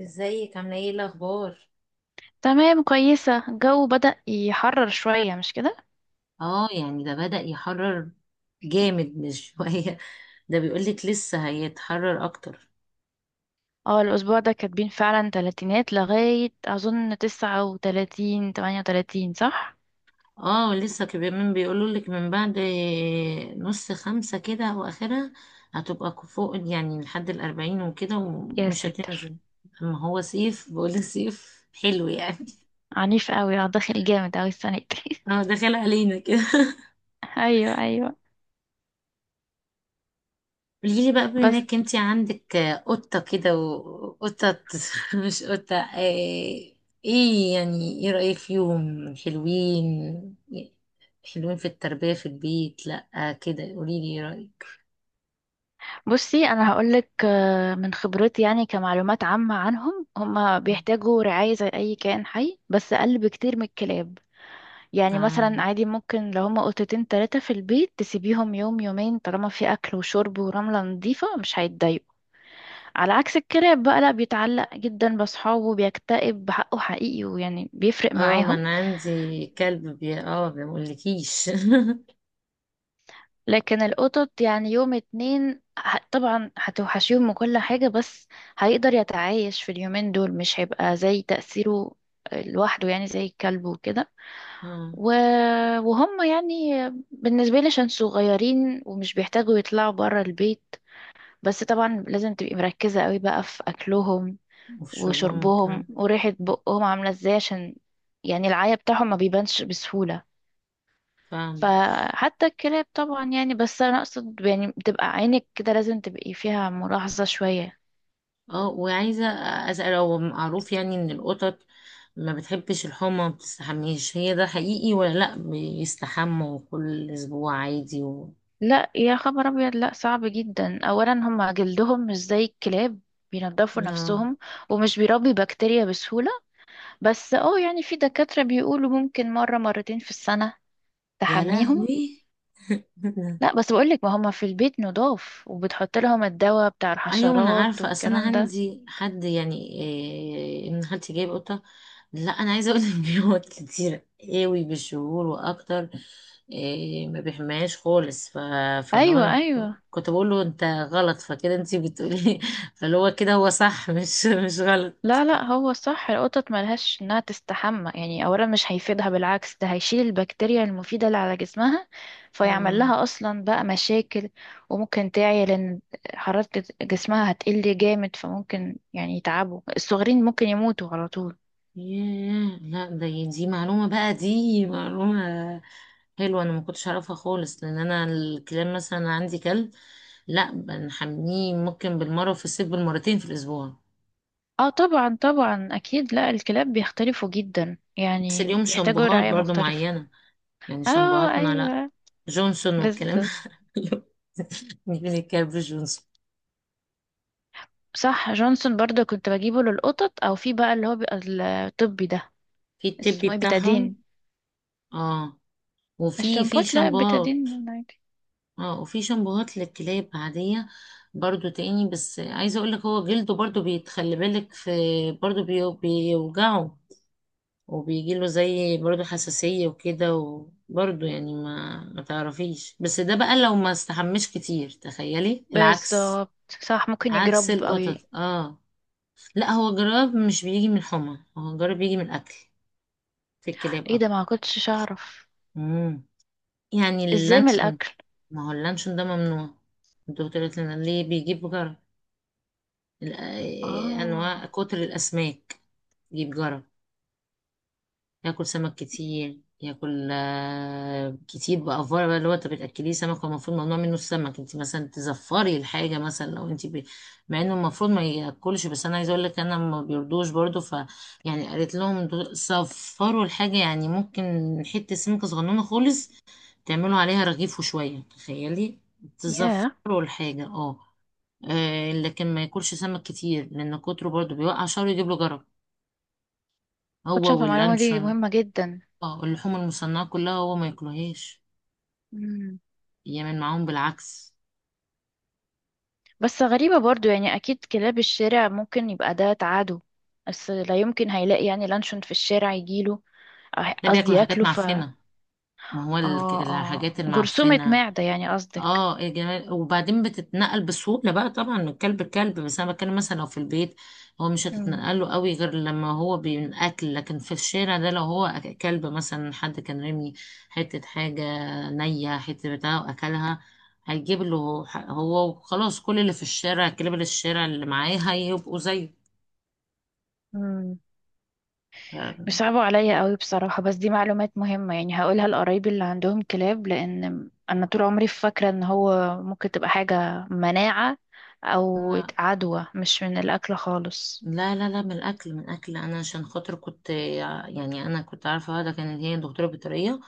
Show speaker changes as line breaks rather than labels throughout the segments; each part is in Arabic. ازيك؟ عامله ايه؟ الاخبار؟
تمام، كويسة. الجو بدأ يحرر شوية، مش كده؟
اه يعني ده بدأ يحرر. جامد مش شوية. ده بيقولك لسه هيتحرر اكتر.
اه، الأسبوع ده كاتبين فعلا تلاتينات لغاية أظن 39، 38 صح؟
اه لسه كمان بيقولولك من بعد نص خمسة كده او اخرها هتبقى فوق يعني لحد الاربعين وكده
يا
ومش
ساتر.
هتنزل. اما هو صيف، بقول صيف حلو يعني.
عنيف قوي، اه داخل جامد قوي السنة دي.
اه داخل علينا كده.
أيوه أيوه.
قوليلي بقى، بما
بس
انك انتي عندك قطة كده، وقطة مش قطة، ايه؟ إيه يعني، ايه رأيك فيهم؟ حلوين؟ حلوين في التربية في البيت؟ لأ كده قوليلي ايه رأيك.
بصي، أنا هقولك من خبرتي، يعني كمعلومات عامة عنهم، هما بيحتاجوا رعاية زي أي كائن حي بس أقل بكتير من الكلاب. يعني مثلا
اه
عادي ممكن لو هما قطتين تلاتة في البيت تسيبيهم يوم يومين طالما في أكل وشرب ورملة نظيفة مش هيتضايقوا. على عكس الكلاب بقى، لا بيتعلق جدا بأصحابه، بيكتئب بحقه حقيقي، ويعني بيفرق
اه، ما
معاهم.
انا عندي كلب، بي اه، ما بقولكيش
لكن القطط يعني يوم اتنين طبعا هتوحشيهم وكل حاجة، بس هيقدر يتعايش في اليومين دول، مش هيبقى زي تأثيره لوحده يعني زي الكلب وكده
اه،
و... وهم يعني بالنسبة لي عشان صغيرين ومش بيحتاجوا يطلعوا برا البيت. بس طبعا لازم تبقي مركزة قوي بقى في أكلهم
وفي شربهم
وشربهم
كمان.
وريحة بقهم عاملة ازاي، عشان يعني العيا بتاعهم ما بيبانش بسهولة.
فاهمة.
فحتى الكلاب طبعا يعني، بس أنا أقصد يعني بتبقى عينك كده لازم تبقي فيها ملاحظة شوية.
اه وعايزة أسأل، هو معروف يعني إن القطط ما بتحبش الحمى، ما بتستحميش هي؟ ده حقيقي ولا لأ؟ بيستحموا كل أسبوع عادي و...
لا يا خبر أبيض، لا صعب جدا. أولا هما جلدهم مش زي الكلاب، بينضفوا
آه.
نفسهم ومش بيربي بكتيريا بسهولة. بس اه يعني في دكاترة بيقولوا ممكن مرة مرتين في السنة
يا
تحميهم.
لهوي.
لا بس بقولك، ما هما في البيت نضاف وبتحط لهم الدواء بتاع
ايوه، ما انا
الحشرات
عارفه، اصل انا
والكلام ده.
عندي حد يعني إيه، ان خالتي جايب قطه. لا انا عايزه اقول لك بيقعد كتير قوي بالشهور واكتر. إيه، ما بيحماش خالص ف... فاللي هو
ايوه
انا كنت
ايوه.
كنت بقول له انت غلط، فكده انت بتقولي فاللي هو كده، هو صح، مش غلط.
لا لا، هو صح، القطط ملهاش انها تستحمى، يعني اولا مش هيفيدها، بالعكس ده هيشيل البكتيريا المفيدة اللي على جسمها فيعمل
آه.
لها اصلا بقى مشاكل. وممكن تعيا لان حرارة جسمها هتقل جامد، فممكن يعني يتعبوا الصغيرين، ممكن يموتوا على طول.
ياه، لا ده، دي معلومة بقى، دي معلومة حلوة، أنا ما كنتش أعرفها خالص، لأن أنا الكلاب مثلا عندي كلب. لا بنحميه، ممكن بالمرة في الصيف، بالمرتين في الأسبوع.
اه طبعا طبعا اكيد. لا الكلاب بيختلفوا جدا،
بس
يعني
اليوم
بيحتاجوا
شامبوهات
رعاية
برضو
مختلفة.
معينة، يعني
اه
شامبوهاتنا، لا
ايوه.
جونسون والكلام
بالظبط.
ده. نجيب الكلب جونسون.
صح، جونسون برضو كنت بجيبه للقطط، او في بقى اللي هو بيبقى الطبي ده،
في التبي
اسمه ايه،
بتاعهم.
بيتادين.
اه. وفي في
الشامبوت لا،
شامبوهات.
بيتادين عادي.
اه وفي شامبوهات للكلاب عادية برضو تاني، بس عايزة اقولك هو جلده برضو، بيتخلي بالك في، برضو بيوجعه، وبيجيله زي برضو حساسية وكده، وبرضو يعني ما تعرفيش، بس ده بقى لو ما استحمش كتير تخيلي العكس.
بالظبط. صح، ممكن
عكس
يجرب او
القطط اه. لا، هو جراب مش بيجي من الحمى، هو جراب بيجي من الاكل، في الكلاب
ايه ده،
اكتر.
ما كنتش اعرف.
مم. يعني
ازاي من
اللانشون.
الاكل؟
ما هو اللانشون ده ممنوع، الدكتور قالت لنا ليه بيجيب جرب. انواع
اه.
كتر الاسماك، يجيب جرى، ياكل سمك كتير، ياكل كتير بأفورة، بقى اللي هو انت بتاكليه سمك، هو المفروض ممنوع منه السمك، انت مثلا تزفري الحاجه، مثلا لو انت ب... مع انه المفروض ما ياكلش، بس انا عايزه اقول لك انا ما بيرضوش برضو، ف يعني قالت لهم صفروا الحاجه يعني، ممكن حته سمكه صغنونه خالص تعملوا عليها رغيف وشويه، تخيلي
ياه،
تزفروا الحاجه اه. لكن ما ياكلش سمك كتير، لان كتره برضو بيوقع شعره، يجيب له جرب، هو
كنتش اعرف المعلومه دي،
واللانشون.
مهمه جدا.
اه اللحوم المصنعه كلها هو ما ياكلهاش،
مم.
يعمل معاهم بالعكس.
بس غريبه برضو، يعني اكيد كلاب الشارع ممكن يبقى ده تعاده، بس لا يمكن هيلاقي يعني لانشون في الشارع يجيله،
ده
قصدي
بياكلوا حاجات
ياكله.
معفنه، ما هو
اه اه،
الحاجات
جرثومة
المعفنه.
معدة يعني قصدك.
اه يا جمال، وبعدين بتتنقل بسهولة بقى طبعا من كلب لكلب، بس انا بتكلم مثلا لو في البيت، هو مش
مم.
هتتنقل له قوي غير لما هو بينأكل، لكن في الشارع ده لو هو كلب، مثلا حد كان رمي حتة حاجة نية، حتة بتاع وأكلها، هيجيب له هو وخلاص، كل اللي في الشارع كلاب، اللي الشارع اللي معاه هيبقوا زيه
مم.
ف-
بيصعبوا عليا قوي بصراحة، بس دي معلومات مهمة، يعني هقولها لقرايبي اللي عندهم كلاب، لأن أنا طول عمري فاكرة إن هو ممكن تبقى حاجة مناعة أو
لا
عدوى، مش من الأكل خالص.
لا لا لا، من الأكل، من الأكل، أنا عشان خاطر كنت يعني، أنا كنت عارفة واحدة كانت هي دكتورة بيطرية،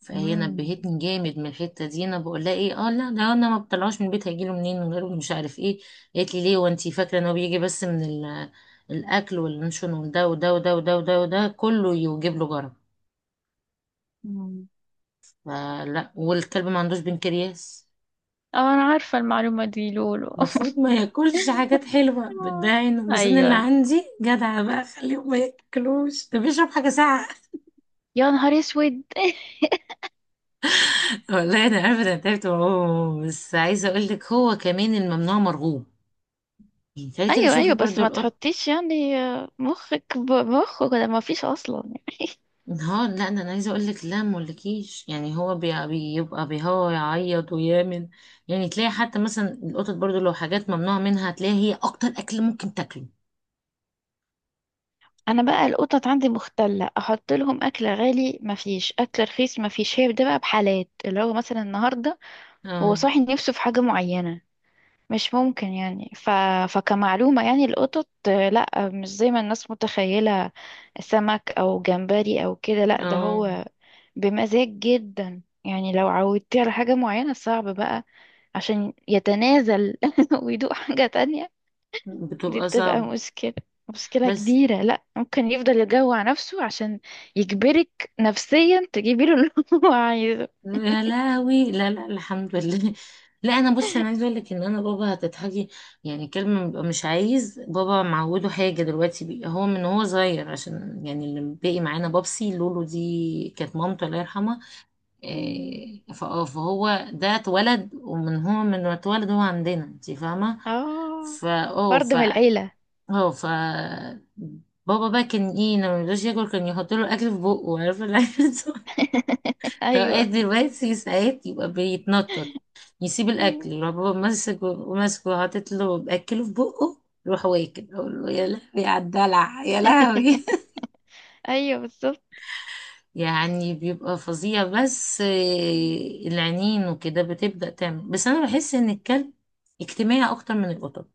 فهي
مم.
نبهتني جامد من الحته دي، انا بقول لها ايه اه، لا ده انا ما بطلعوش من البيت، هيجيله منين من غيره؟ مش عارف ايه، قالت لي ليه وانتي فاكره ان هو بيجي بس من الاكل واللانشون، وده وده وده وده وده وده كله يجيب له جرب،
مم.
فلا، والكلب ما عندوش بنكرياس،
اه أنا عارفة المعلومة دي لولو.
المفروض ما ياكلش حاجات حلوه،
آه.
بتضايقني، بس انا اللي
أيوة.
عندي جدع بقى خليه ما ياكلوش، ده بيشرب حاجه ساقعه.
يا نهار أسود.
والله انا عارفه، انا تعبت معاه، بس عايزه اقول لك هو كمان الممنوع مرغوب، يعني تعالي كده
أيوة
شوفي
أيوة، بس
برضو
ما
القط.
تحطيش يعني مخك بمخه كده، ما فيش أصلا.
ها، لا ده، انا عايزه اقول لك لا، مولكيش يعني، هو بيبقى بيهوى يعيط ويامن، يعني تلاقي حتى مثلا القطط برضو لو حاجات ممنوع منها تلاقي هي اكتر اكل ممكن تاكله.
انا بقى القطط عندي مختلة، احط لهم اكل غالي، مفيش اكل رخيص مفيش، هي ده بقى، بحالات اللي هو مثلا النهاردة هو
اه
صاحي نفسه في حاجة معينة، مش ممكن يعني فكمعلومة يعني القطط لا مش زي ما الناس متخيلة سمك او جمبري او كده، لا ده
اه.
هو بمزاج جدا. يعني لو عودتيه على حاجة معينة صعب بقى عشان يتنازل ويدوق حاجة تانية. دي
بتبقى
بتبقى
صعب.
مشكلة، مشكلة
بس،
كبيرة. لا ممكن يفضل يجوع نفسه عشان يجبرك نفسيا تجيبي له اللي هو عايزه.
يا لهوي، لا لا، الحمد لله. لا انا بصي، انا عايزه اقول لك ان انا بابا هتضحكي، يعني كلمه، بيبقى مش عايز بابا معوده حاجه دلوقتي بي. هو من هو صغير، عشان يعني اللي باقي معانا بابسي، لولو دي كانت مامته الله يرحمها.
مم.
إيه، فهو ده اتولد، ومن هو من ما اتولد هو عندنا، انت فاهمه.
اه،
فا اه
فرد
ف
من العيلة.
اه ف بابا بقى كان ايه لما ميرضاش ياكل، كان يحط له اكل في بقه، عارفه العيال صغيرة. فاوقات
ايوه.
دلوقتي ساعات يبقى بيتنطط، يسيب الاكل
مم.
يروح بابا ماسك، ماسكه وحاطط له باكله في بقه، يروح واكل، اقول له يا لهوي على الدلع، يا لهوي
ايوه بالظبط.
يعني بيبقى فظيع، بس العينين وكده بتبدأ تعمل، بس انا بحس ان الكلب اجتماعي اكتر من القطط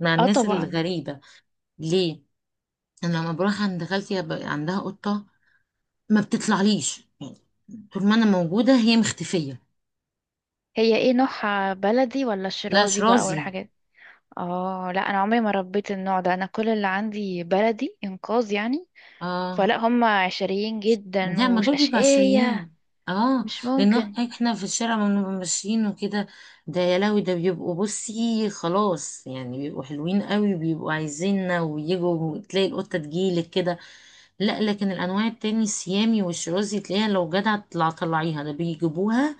مع
اه
الناس
طبعا.
الغريبة. ليه؟ انا لما بروح عند خالتي عندها قطة، ما بتطلعليش، طول ما انا موجودة هي مختفية.
هي ايه نوعها، بلدي ولا
لا
شيرازي بقى
شرازي.
والحاجات؟ اه لا، انا عمري ما ربيت النوع ده، انا كل اللي عندي بلدي انقاذ يعني،
اه،
فلا هم عشريين جدا
لا ما دول بيبقوا
واشقية.
عشريين، اه
مش
لان
ممكن.
احنا في الشارع لما بنبقى ماشيين وكده، ده يا لهوي ده بيبقوا بصي، خلاص يعني بيبقوا حلوين قوي، بيبقوا عايزيننا ويجوا، تلاقي القطة تجيلك كده، لا لكن الانواع التاني السيامي والشرازي، تلاقيها لو جدع تطلع طلعيها ده بيجيبوها،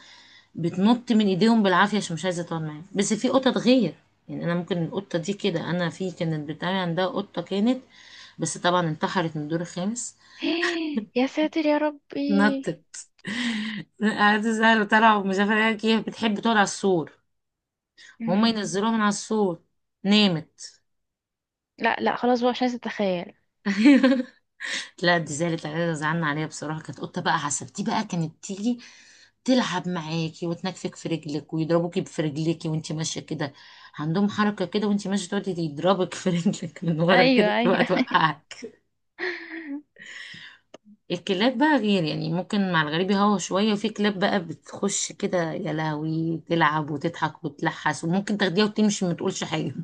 بتنط من ايديهم بالعافية عشان مش عايزة تقعد معاهم، بس في قطط غير، يعني انا ممكن القطة دي كده، انا في كانت بتاعي عندها قطة كانت، بس طبعا انتحرت من الدور الخامس،
يا ساتر يا ربي.
نطت قعدت سهل وطلعوا مش عارفة ايه، هي بتحب تقعد على السور، وهم
مم.
ينزلوها من على السور، نامت.
لا لا خلاص بقى، مش عايزة اتخيل.
لا دي زعلت عليها، زعلنا عليها بصراحة، كانت قطة بقى عسل، دي بقى كانت تيجي تلعب معاكي وتنكفك في رجلك، ويضربوكي في رجلك وانتي ماشية كده، عندهم حركة كده وانتي ماشية تقعدي يضربك في رجلك من ورا كده،
ايوه
تبقى
ايوه.
توقعك. الكلاب بقى غير يعني، ممكن مع الغريب يهوى شوية، وفي كلاب بقى بتخش كده يا لهوي، تلعب وتضحك وتلحس، وممكن تاخديها وتمشي ما تقولش حاجة.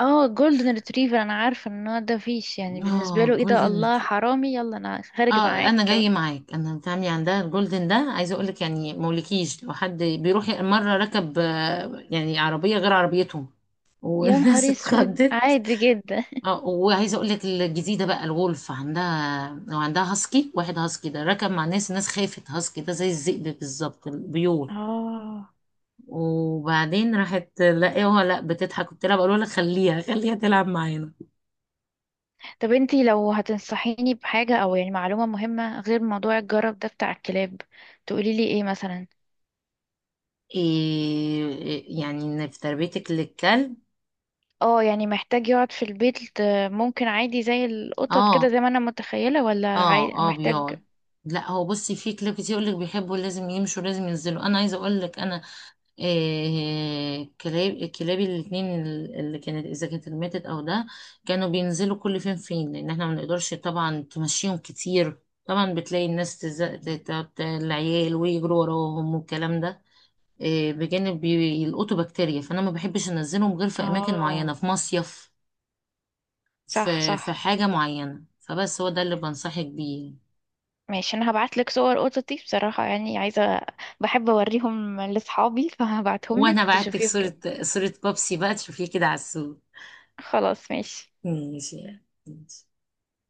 اه جولدن ريتريفر، انا عارفة ان هو ده فيش يعني بالنسبة
اه
له ايه ده،
جولدن
الله
ريتري-
حرامي يلا انا خارج
اه
معاك
انا جاي
كده.
معاك، انا بنت عمي عندها الجولدن ده، عايزه اقول لك يعني مولكيش، لو حد بيروح مره ركب يعني عربيه غير عربيتهم،
يا
والناس
نهار اسود،
اتخضت.
عادي جدا.
اه وعايزه اقول لك الجديده بقى الولف عندها، وعندها هاسكي، واحد هاسكي ده ركب مع ناس، الناس خافت، هاسكي ده زي الذئب بالظبط البيول،
اه.
وبعدين راحت لا ايه هو لا بتضحك، قلت لها بقول لها خليها خليها تلعب معانا.
طب انتي لو هتنصحيني بحاجة او يعني معلومة مهمة غير موضوع الجرب ده بتاع الكلاب، تقولي لي ايه مثلا؟
إيه يعني ان في تربيتك للكلب.
اه يعني محتاج يقعد في البيت ممكن عادي زي القطط كده
اه
زي ما انا متخيلة، ولا
اه اه
محتاج؟
بيقعد. لا هو بصي في كلاب كتير يقول لك بيحبوا لازم يمشوا لازم ينزلوا، انا عايزه اقول لك انا إيه، كلابي الاثنين اللي كانت اذا كانت ماتت او ده، كانوا بينزلوا كل فين فين، لان احنا ما بنقدرش طبعا تمشيهم كتير، طبعا بتلاقي الناس تزق العيال ويجروا وراهم والكلام ده، بجانب بيلقطوا بكتيريا، فانا ما بحبش انزلهم غير في اماكن معينه،
اه.
في مصيف،
صح
في
صح.
حاجه معينه، فبس هو ده اللي بنصحك بيه يعني.
ماشي، انا هبعت لك صور قطط دي بصراحة، يعني عايزة، بحب اوريهم لاصحابي فهبعتهم لك
وانا بعتك
تشوفيهم
صوره،
كده.
بابسي بقى تشوفيه كده على السوق.
خلاص ماشي.
ماشي يعني. ماشي.